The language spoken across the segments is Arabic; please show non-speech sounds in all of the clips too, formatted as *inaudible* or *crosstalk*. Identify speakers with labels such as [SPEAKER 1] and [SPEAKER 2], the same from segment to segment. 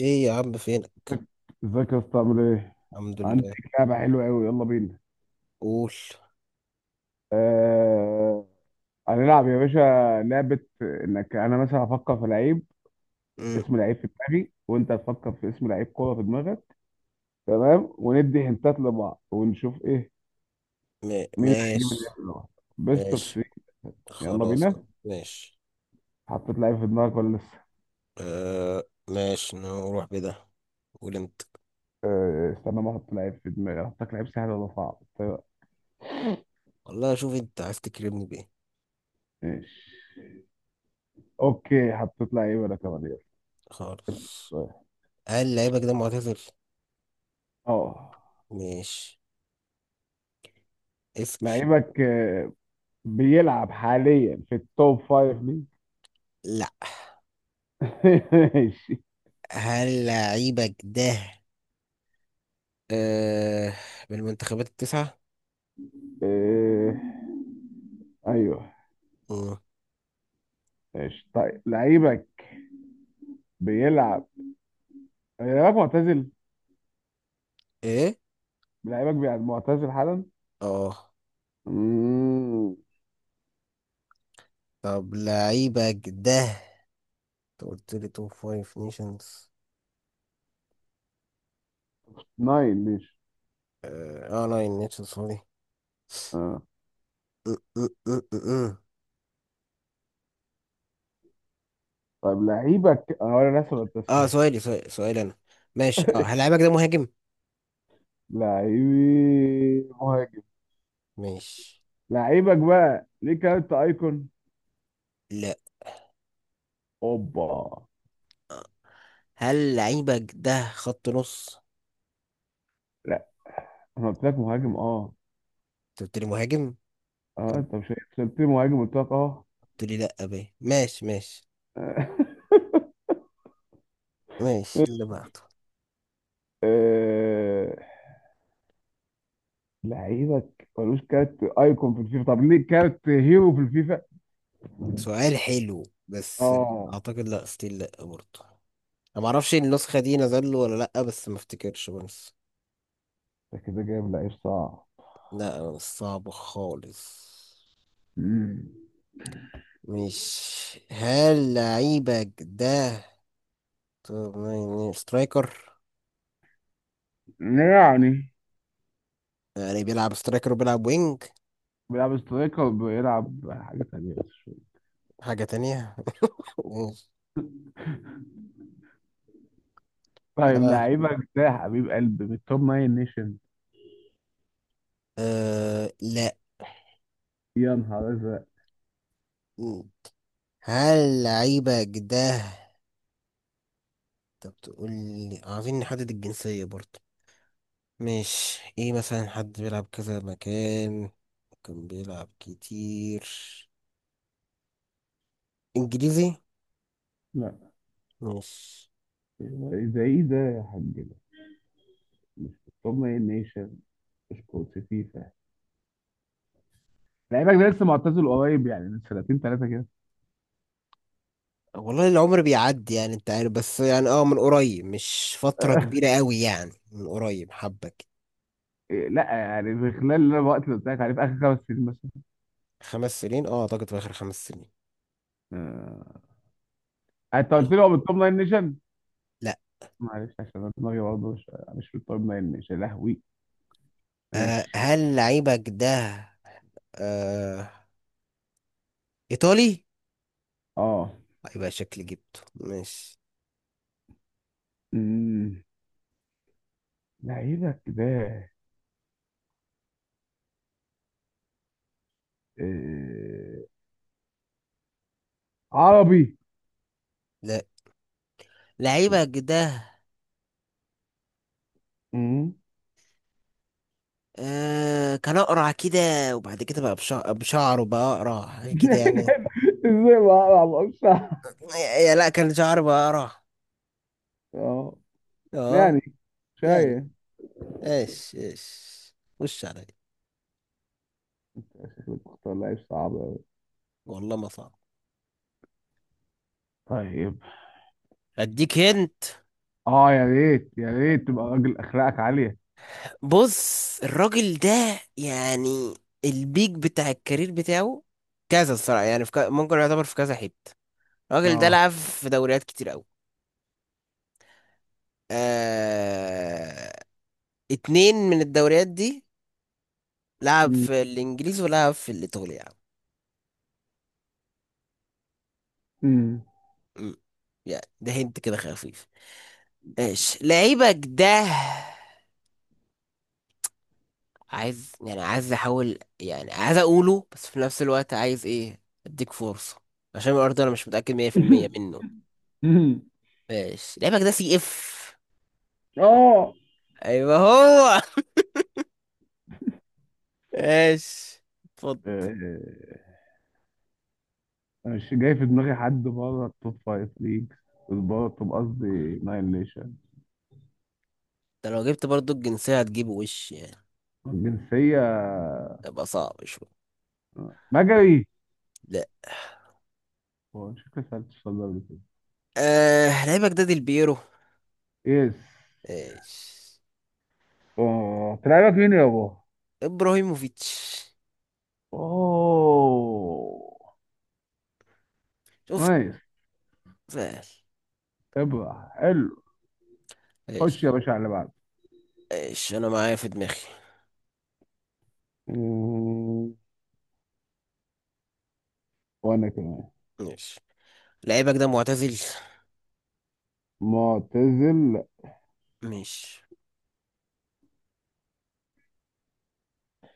[SPEAKER 1] ايه يا عم فينك؟
[SPEAKER 2] ازيك. ازيك يا اسطى عامل ايه؟
[SPEAKER 1] الحمد
[SPEAKER 2] عندي
[SPEAKER 1] لله.
[SPEAKER 2] لعبة حلوة أوي يلا بينا.
[SPEAKER 1] قول.
[SPEAKER 2] آه... هنلعب يا باشا لعبة إنك أنا مثلا هفكر في لعيب،
[SPEAKER 1] مم،
[SPEAKER 2] اسم لعيب في دماغي وأنت هتفكر في اسم لعيب كورة في دماغك. تمام، وندي هنتات لبعض ونشوف إيه، مين اللي هيجيب
[SPEAKER 1] ماشي.
[SPEAKER 2] اللعيب الأول. بيست أوف
[SPEAKER 1] ماشي
[SPEAKER 2] 3. يلا
[SPEAKER 1] خلاص.
[SPEAKER 2] بينا.
[SPEAKER 1] ماشي.
[SPEAKER 2] حطيت لعيب في دماغك ولا لسه؟
[SPEAKER 1] آه ماشي نروح بده. قول انت.
[SPEAKER 2] استنى ما أحط لعيب في دماغي. أحطك لعيب سهل ولا صعب؟ طيب
[SPEAKER 1] والله شوف انت عايز تكرمني بايه.
[SPEAKER 2] ماشي. أوكي حطيت لعيب أنا كمان. يلا
[SPEAKER 1] خالص.
[SPEAKER 2] سؤال.
[SPEAKER 1] هل لعيبك ده معتزل؟
[SPEAKER 2] أه
[SPEAKER 1] ماشي اسأل.
[SPEAKER 2] لعيبك، بيلعب حاليا في التوب فايف ليج؟
[SPEAKER 1] لا.
[SPEAKER 2] *laughs* ماشي.
[SPEAKER 1] هل لعيبك ده آه من المنتخبات التسعة؟
[SPEAKER 2] آه، ايوه.
[SPEAKER 1] مم.
[SPEAKER 2] ماشي طيب. لعيبك بيلعب؟ لعيبك معتزل؟
[SPEAKER 1] ايه.
[SPEAKER 2] لعيبك بيلعب معتزل حالا؟
[SPEAKER 1] اه
[SPEAKER 2] مم،
[SPEAKER 1] طب لعيبك ده انت قلت لي توب فايف نيشنز.
[SPEAKER 2] ناين ماشي.
[SPEAKER 1] اه ناين نيشنز سوري.
[SPEAKER 2] اه
[SPEAKER 1] م- م- م- م- م.
[SPEAKER 2] طيب لعيبك، انا لسه
[SPEAKER 1] اه
[SPEAKER 2] بتسأل.
[SPEAKER 1] سؤالي انا. ماشي اه هل
[SPEAKER 2] *laughs*
[SPEAKER 1] لعيبك ده مهاجم؟
[SPEAKER 2] لعيبي مهاجم.
[SPEAKER 1] ماشي.
[SPEAKER 2] لعيبك بقى ليك، انت ايكون؟
[SPEAKER 1] لا
[SPEAKER 2] اوبا.
[SPEAKER 1] هل لعيبك ده خط نص؟
[SPEAKER 2] لا، انا قلت لك مهاجم
[SPEAKER 1] مم.
[SPEAKER 2] اه.
[SPEAKER 1] انت قلت لي مهاجم؟
[SPEAKER 2] اه انت مش سألتني مهاجم؟ قلت لك اه.
[SPEAKER 1] قلت لي لا بيه. ماشي ماشي. ماشي
[SPEAKER 2] *laughs*
[SPEAKER 1] اللي بعده.
[SPEAKER 2] أه... لعيبك ملوش كارت ايكون في الفيفا، طب ليه كارت هيرو في الفيفا؟
[SPEAKER 1] سؤال حلو بس.
[SPEAKER 2] اه
[SPEAKER 1] اعتقد لا ستيل لا برضه. انا ما اعرفش النسخه دي نزل له ولا لا بس ما افتكرش بس.
[SPEAKER 2] ده كده جايب لعيب صعب.
[SPEAKER 1] لا مش صعب خالص.
[SPEAKER 2] مم.
[SPEAKER 1] مش هل لعيبك ده طب ما يعني سترايكر.
[SPEAKER 2] يعني
[SPEAKER 1] يعني بيلعب سترايكر وبيلعب وينج.
[SPEAKER 2] بيلعب سترايكر، بيلعب حاجة تانية بس شوية.
[SPEAKER 1] حاجة تانية. *laughs*
[SPEAKER 2] طيب
[SPEAKER 1] آه.
[SPEAKER 2] لعيبك ده حبيب قلبي من التوب ناين نيشن.
[SPEAKER 1] آه. لا.
[SPEAKER 2] يا نهار ازرق.
[SPEAKER 1] هل لعيبك ده انت بتقول لي عايزين نحدد الجنسية برضه، مش ايه مثلا حد بيلعب كذا مكان. كان بيلعب كتير انجليزي.
[SPEAKER 2] لا
[SPEAKER 1] مش.
[SPEAKER 2] ده ايه ده يا حاج، ده مش في التوب ناين نيشن؟ مش كوت فيفا؟ لعيبك ده لسه معتزل قريب، يعني من سنتين ثلاثة كده.
[SPEAKER 1] والله العمر بيعدي، يعني انت عارف، بس يعني اه من قريب، مش فترة كبيرة قوي يعني، من قريب حبك.
[SPEAKER 2] إيه، لا يعني في خلال الوقت اللي قلت لك عليه، في اخر خمس سنين مثلا.
[SPEAKER 1] خمس سنين، اه اعتقد في اخر خمس سنين.
[SPEAKER 2] آه، انت قلت لي هو من التوب 9 نيشن،
[SPEAKER 1] لا.
[SPEAKER 2] معلش عشان أنا دماغي برضه مش في التوب 9 نيشن يا لهوي.
[SPEAKER 1] آه
[SPEAKER 2] ماشي
[SPEAKER 1] هل لعيبك ده آه إيطالي؟
[SPEAKER 2] اه.
[SPEAKER 1] يبقى شكلي جبته ماشي.
[SPEAKER 2] أمم، لعيبك ده، آه، عربي؟
[SPEAKER 1] لا.
[SPEAKER 2] شيت.
[SPEAKER 1] لعيبك ده
[SPEAKER 2] أمم.
[SPEAKER 1] آه كان أقرع كده، وبعد كده بقى بشعره بقى أقرع حاجة كده يعني.
[SPEAKER 2] *laughs* ازاي ما اعرفش؟
[SPEAKER 1] يا لا كان شعره بقى أقرع.
[SPEAKER 2] اه
[SPEAKER 1] اه.
[SPEAKER 2] يعني، شايف،
[SPEAKER 1] يعني ايش ايش وش عليا.
[SPEAKER 2] شكلك بتختار لعيب صعب أوي.
[SPEAKER 1] والله ما صعب.
[SPEAKER 2] طيب
[SPEAKER 1] اديك هنت.
[SPEAKER 2] اه يا ريت يا ريت تبقى راجل اخلاقك عالية.
[SPEAKER 1] بص الراجل ده يعني البيك بتاع الكارير بتاعه كذا الصراحة، يعني في ممكن يعتبر في كذا حتة. الراجل ده
[SPEAKER 2] اه
[SPEAKER 1] لعب في دوريات كتير قوي. آه... اتنين من الدوريات دي لعب في الانجليزي ولعب في الايطالي يعني.
[SPEAKER 2] أمم.
[SPEAKER 1] مم. يعني ده هنت كده خفيف. ماشي لعيبك ده عايز يعني، عايز احاول يعني، عايز اقوله بس في نفس الوقت عايز ايه اديك فرصة عشان الارض انا مش متأكد 100% منه.
[SPEAKER 2] أمم. *laughs*
[SPEAKER 1] ماشي لعيبك ده سي اف.
[SPEAKER 2] اه
[SPEAKER 1] ايوه هو. *laughs* ماشي اتفضل.
[SPEAKER 2] آه، انا مش جاي في دماغي حد بره التوب فايف ليجز، بره التوب، قصدي ناين ليشن.
[SPEAKER 1] ده لو جبت برضو الجنسية هتجيبه وش يعني.
[SPEAKER 2] الجنسية
[SPEAKER 1] تبقى صعب شوية.
[SPEAKER 2] مجري؟ هو شكلي سألت السؤال ده قبل كده.
[SPEAKER 1] آه لعيبة جداد البيرو.
[SPEAKER 2] يس.
[SPEAKER 1] ايش.
[SPEAKER 2] اه تلعبك مين يا بابا؟
[SPEAKER 1] ابراهيموفيتش.
[SPEAKER 2] اوه
[SPEAKER 1] شفت.
[SPEAKER 2] نايس.
[SPEAKER 1] سهل.
[SPEAKER 2] ابرع حلو. خش يا
[SPEAKER 1] ايش.
[SPEAKER 2] باشا على اللي بعده.
[SPEAKER 1] ايش انا معايا في دماغي.
[SPEAKER 2] مم، وانا كمان.
[SPEAKER 1] ماشي لعيبك ده معتزل.
[SPEAKER 2] معتزل.
[SPEAKER 1] ماشي.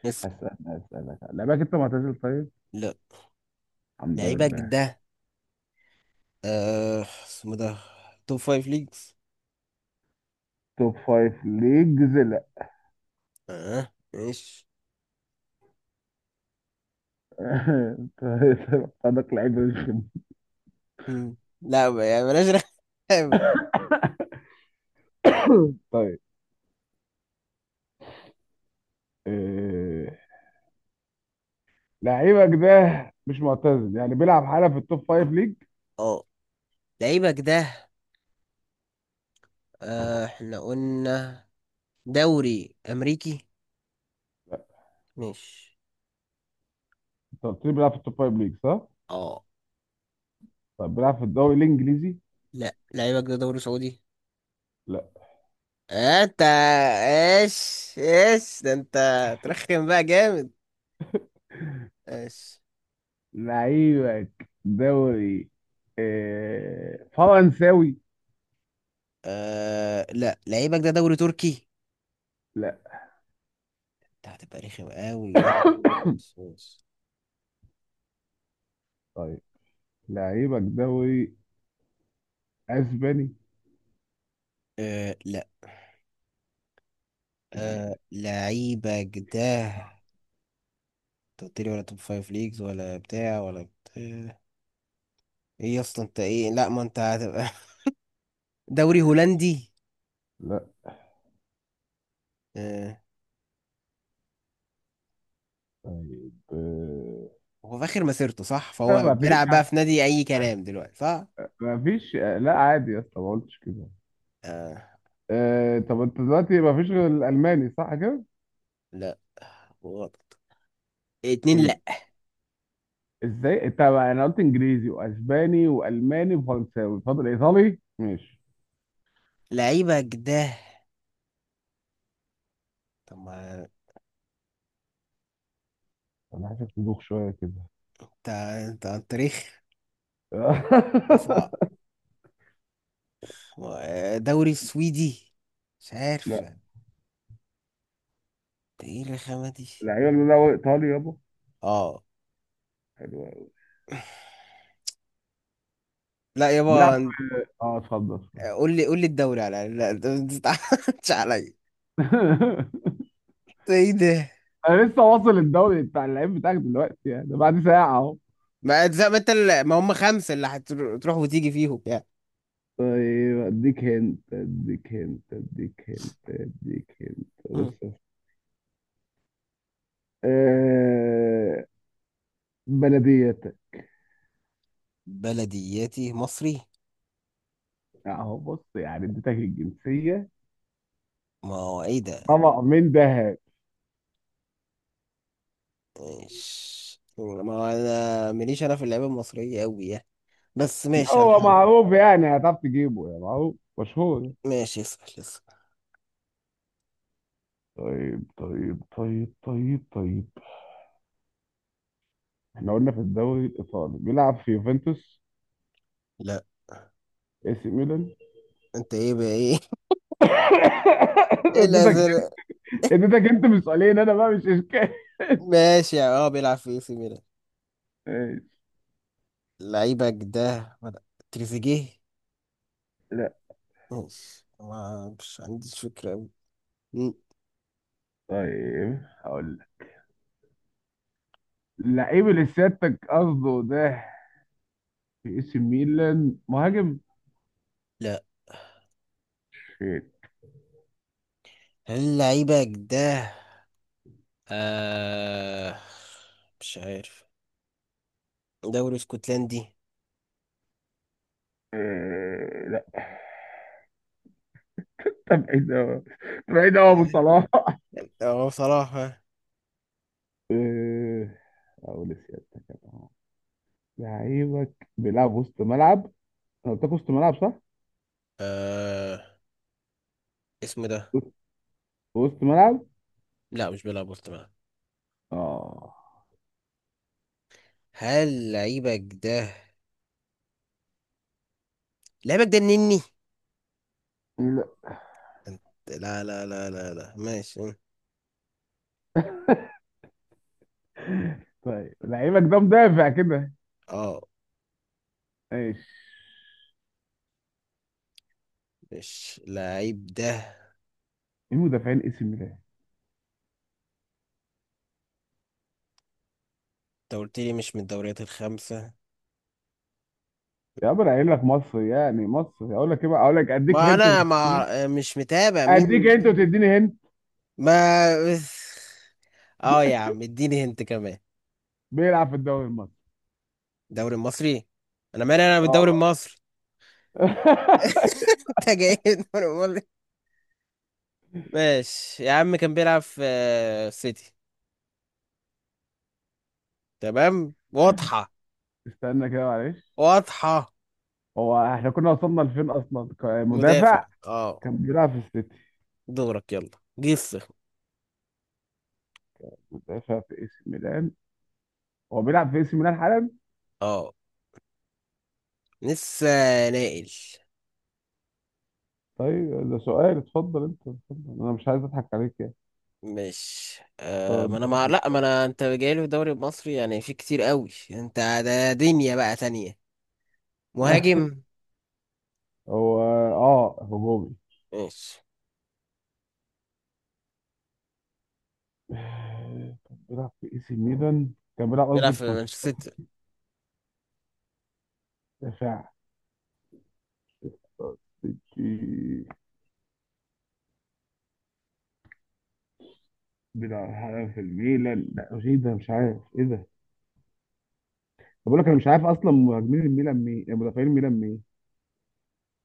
[SPEAKER 1] اسم.
[SPEAKER 2] هسألك، هسألك لعبك انت معتزل طيب؟
[SPEAKER 1] لا.
[SPEAKER 2] الحمد
[SPEAKER 1] لعيبك
[SPEAKER 2] لله.
[SPEAKER 1] ده آه اسمه ده توب فايف ليجز.
[SPEAKER 2] توب فايف ليجز.
[SPEAKER 1] اه ماشي.
[SPEAKER 2] *laughs* خدك لعيب رخم.
[SPEAKER 1] مم. لا يعني بلاش. رخامة.
[SPEAKER 2] *coughs* طيب، آه، لعيبك ده مش معتزل؟ يعني بيلعب حالا في التوب فايف ليج؟
[SPEAKER 1] اه لعيبك ده آه احنا قلنا دوري امريكي. ماشي.
[SPEAKER 2] انت قلت لي بيلعب في التوب فايف ليج صح؟
[SPEAKER 1] اه
[SPEAKER 2] طب بيلعب في الدوري الانجليزي؟
[SPEAKER 1] لا لعيبك ده دوري سعودي.
[SPEAKER 2] لا.
[SPEAKER 1] آه، انت ايش ايش ده انت؟ ترخم بقى جامد. ايش.
[SPEAKER 2] لعيبك دوري، آه، فرنساوي؟
[SPEAKER 1] آه لا لعيبك ده دوري تركي.
[SPEAKER 2] لا.
[SPEAKER 1] انت هتبقى رخم قوي. ماشي ماشي ماشي.
[SPEAKER 2] *coughs* طيب لعيبك دوري اسباني؟
[SPEAKER 1] آه لا. آه لعيبك ده انت قلت لي ولا توب فايف ليجز ولا بتاع ولا بتاع، ايه اصلا انت ايه، لا ما انت هتبقى *laughs* دوري هولندي.
[SPEAKER 2] لا.
[SPEAKER 1] آه.
[SPEAKER 2] طيب آه،
[SPEAKER 1] هو في اخر مسيرته صح،
[SPEAKER 2] لا
[SPEAKER 1] فهو
[SPEAKER 2] ما فيش
[SPEAKER 1] بيلعب بقى
[SPEAKER 2] حد،
[SPEAKER 1] في نادي اي كلام دلوقتي صح.
[SPEAKER 2] ما فيش. لا عادي يا اسطى، ما قلتش كده.
[SPEAKER 1] آه
[SPEAKER 2] آه، طب انت دلوقتي ما فيش غير الالماني صح كده؟
[SPEAKER 1] لا غلط. اتنين
[SPEAKER 2] ايه ده؟
[SPEAKER 1] لا.
[SPEAKER 2] ازاي؟ انت، انا قلت انجليزي واسباني والماني وفرنساوي، فاضل ايطالي؟ ماشي.
[SPEAKER 1] لعيبك ده طب ما
[SPEAKER 2] انا عايزك تدوخ شويه كده.
[SPEAKER 1] انت انت على التاريخ ده صعب.
[SPEAKER 2] *laughs*
[SPEAKER 1] دوري سويدي. مش عارف
[SPEAKER 2] لا
[SPEAKER 1] انت. ايه الرخامة دي.
[SPEAKER 2] لعيبه اللي هو ايطالي يابا.
[SPEAKER 1] اه.
[SPEAKER 2] حلو قوي.
[SPEAKER 1] لا يابا
[SPEAKER 2] بيلعب في اه، اتفضل اتفضل.
[SPEAKER 1] قول لي قول لي الدوري على الأقل. لا انت ما تزعلش عليا.
[SPEAKER 2] *laughs*
[SPEAKER 1] ده ايه ده.
[SPEAKER 2] انا لسه واصل الدوري بتاع اللعيب بتاعك دلوقتي، يعني ده بعد ساعه اهو.
[SPEAKER 1] ما زي ما انت ما هم خمسة اللي هتروح وتيجي فيهم يعني.
[SPEAKER 2] طيب اديك هنت، اديك هنت، اديك هنت، اديك هنت،
[SPEAKER 1] مم.
[SPEAKER 2] بص. آه بلديات.
[SPEAKER 1] بلدياتي مصري.
[SPEAKER 2] اهو بص، يعني اديتك الجنسيه،
[SPEAKER 1] ما هو ايه ده.
[SPEAKER 2] طبق من دهب.
[SPEAKER 1] مش ما هو انا ماليش انا في اللعيبة المصرية قوي يعني، بس ماشي
[SPEAKER 2] هو
[SPEAKER 1] هنحاول.
[SPEAKER 2] معروف يعني، هتعرف تجيبه، يعني معروف مشهور.
[SPEAKER 1] ماشي اسأل اسأل.
[SPEAKER 2] طيب طيب طيب طيب طيب، احنا قلنا في الدوري الايطالي، بيلعب في يوفنتوس؟
[SPEAKER 1] لا.
[SPEAKER 2] اي سي ميلان؟
[SPEAKER 1] انت ايه بقى ايه؟
[SPEAKER 2] *laughs*
[SPEAKER 1] ايه
[SPEAKER 2] اديتك،
[SPEAKER 1] الازرق.
[SPEAKER 2] اديتك انت من سؤالين، انا بقى مش اشكال.
[SPEAKER 1] ماشي اه بيلعب في اي سي ميلان.
[SPEAKER 2] ماشي.
[SPEAKER 1] لعيبك ده تريزيجيه.
[SPEAKER 2] لا
[SPEAKER 1] ماشي ما مش عنديش فكرة أوي. مم.
[SPEAKER 2] طيب هقول لك، اللعيب اللي سيادتك قصده ده، في اي سي ميلان مهاجم.
[SPEAKER 1] لا.
[SPEAKER 2] شيت.
[SPEAKER 1] هل لعيبك ده آه مش عارف دوري اسكتلندي.
[SPEAKER 2] آه، لا ده بعيد قوي، بعيد قوي ابو
[SPEAKER 1] اه.
[SPEAKER 2] صلاح.
[SPEAKER 1] آه، بصراحة.
[SPEAKER 2] إيه، اقول سيادتك أنا. لعيبك بيلعب وسط ملعب؟ انا قلت لك وسط ملعب صح؟
[SPEAKER 1] آه اسمه ده.
[SPEAKER 2] وسط، وسط ملعب؟
[SPEAKER 1] لا مش بيلعب وسط ملعب.
[SPEAKER 2] اه.
[SPEAKER 1] هل لعيبك ده لعيبك ده النني.
[SPEAKER 2] لا
[SPEAKER 1] أنت- لا لا لا لا لا ماشي.
[SPEAKER 2] طيب لعيبك ده مدافع كده؟
[SPEAKER 1] اه.
[SPEAKER 2] ماشي.
[SPEAKER 1] مش لعيب ده.
[SPEAKER 2] ايه مدافعين اسم ميلان؟
[SPEAKER 1] انت قلت لي مش من الدوريات الخمسة.
[SPEAKER 2] يا عم انا قايل لك مصر، يعني مصر. اقول لك ايه بقى، اقول لك اديك
[SPEAKER 1] ما
[SPEAKER 2] هنت
[SPEAKER 1] انا
[SPEAKER 2] وتديني
[SPEAKER 1] ما
[SPEAKER 2] هنت؟
[SPEAKER 1] مش متابع
[SPEAKER 2] اديك
[SPEAKER 1] مين.
[SPEAKER 2] هنت وتديني هنت.
[SPEAKER 1] ما اه يا عم اديني هنت كمان.
[SPEAKER 2] بيلعب في الدوري المصري.
[SPEAKER 1] الدوري المصري. انا مالي انا بالدوري
[SPEAKER 2] اه
[SPEAKER 1] المصري.
[SPEAKER 2] *laughs*
[SPEAKER 1] *laughs* انت جاي من الدوري المصري. ماشي يا عم كان بيلعب في آه، سيتي. تمام واضحة.
[SPEAKER 2] استنى كده معلش،
[SPEAKER 1] واضحة.
[SPEAKER 2] هو احنا كنا وصلنا لفين اصلا،
[SPEAKER 1] مدافع
[SPEAKER 2] مدافع.
[SPEAKER 1] اه.
[SPEAKER 2] كان بيلعب في السيتي.
[SPEAKER 1] دورك يلا. جس.
[SPEAKER 2] مدافع في اي سي ميلان. هو بيلعب في اي سي ميلان حالا.
[SPEAKER 1] اه لسه. نائل.
[SPEAKER 2] طيب ده سؤال، اتفضل انت اتفضل، انا مش عايز اضحك عليك يعني.
[SPEAKER 1] مش آه ما
[SPEAKER 2] أنت
[SPEAKER 1] انا مع
[SPEAKER 2] قدامك مش
[SPEAKER 1] لا ما انا انت جايلي في الدوري المصري يعني في كتير قوي انت. ده دنيا بقى تانية. مهاجم.
[SPEAKER 2] *laughs* هو، اه هجومي.
[SPEAKER 1] ماشي.
[SPEAKER 2] آه، كان بيلعب في اي سي ميلان، كان بيلعب
[SPEAKER 1] بيلعب
[SPEAKER 2] قصدي
[SPEAKER 1] في
[SPEAKER 2] في مانشستر.
[SPEAKER 1] مانشستر.
[SPEAKER 2] دفاع في- بيلعب حالا في الميلان؟ لا ايه ده، مش عارف ايه ده. طب بقول لك انا مش عارف اصلا مهاجمين الميلان مين، يعني مدافعين الميلان مين.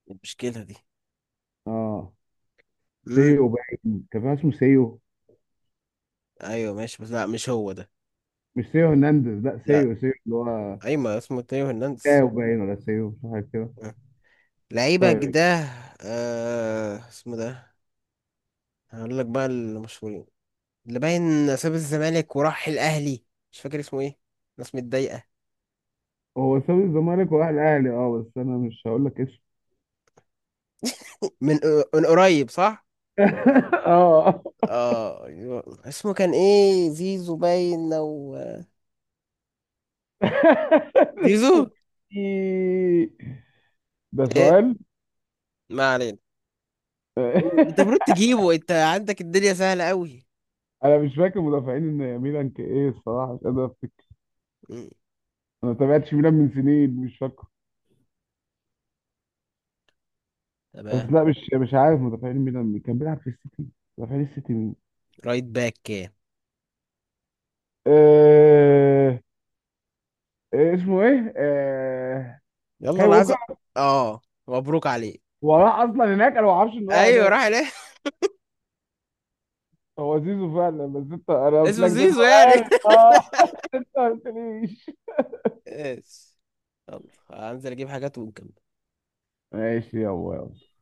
[SPEAKER 1] إيه المشكلة دي.
[SPEAKER 2] اه
[SPEAKER 1] امم.
[SPEAKER 2] سيو باين، كان في واحد اسمه سيو.
[SPEAKER 1] ايوه ماشي بس لا مش هو ده.
[SPEAKER 2] مش سيو هرنانديز، لا
[SPEAKER 1] لا
[SPEAKER 2] سيو، سيو اللي هو
[SPEAKER 1] ايوه اسمه تيو هرنانديز.
[SPEAKER 2] ساو باين، ولا سيو مش عارف كده.
[SPEAKER 1] آه. لعيبة
[SPEAKER 2] طيب،
[SPEAKER 1] ده. آه اسمه ده. هقول لك بقى المشهورين اللي باين ساب الزمالك وراح الاهلي، مش فاكر اسمه ايه. ناس متضايقة.
[SPEAKER 2] هو ساب الزمالك وراح الاهلي اه، بس انا مش هقول لك اسم.
[SPEAKER 1] من من قريب صح.
[SPEAKER 2] *laughs* اه
[SPEAKER 1] اه اسمه كان ايه زيزو باين او
[SPEAKER 2] *laughs*
[SPEAKER 1] زيزو.
[SPEAKER 2] سوكي. ده
[SPEAKER 1] ايه.
[SPEAKER 2] سؤال.
[SPEAKER 1] ما علينا. قول. انت المفروض
[SPEAKER 2] *laughs*
[SPEAKER 1] تجيبه انت عندك الدنيا سهلة قوي.
[SPEAKER 2] انا مش فاكر مدافعين ان ميلان كان ايه، الصراحه مش قادر افتكر.
[SPEAKER 1] مم.
[SPEAKER 2] انا ما تابعتش ميلان من سنين، مش فاكر. بس
[SPEAKER 1] تمام.
[SPEAKER 2] لا مش، عارف مدافعين ميلان مين. كان بيلعب في السيتي، مدافعين السيتي مين؟
[SPEAKER 1] رايت باك كام.
[SPEAKER 2] آه... آه، اسمه ايه، آه...
[SPEAKER 1] يلا
[SPEAKER 2] كاي
[SPEAKER 1] انا
[SPEAKER 2] ووكر.
[SPEAKER 1] عايز اه مبروك عليك.
[SPEAKER 2] هو راح اصلا هناك، انا ما اعرفش ان هو راح
[SPEAKER 1] ايوه
[SPEAKER 2] هناك.
[SPEAKER 1] راح ليه. *laughs*
[SPEAKER 2] هو زيزو فعلا، بس انت انا قلت
[SPEAKER 1] اسمه
[SPEAKER 2] لك ده
[SPEAKER 1] زيزو يعني. *laughs*
[SPEAKER 2] سؤال آه. انت ليش؟
[SPEAKER 1] ايش. يلا هنزل اجيب حاجات ونكمل.
[SPEAKER 2] ماشي يابا يلا.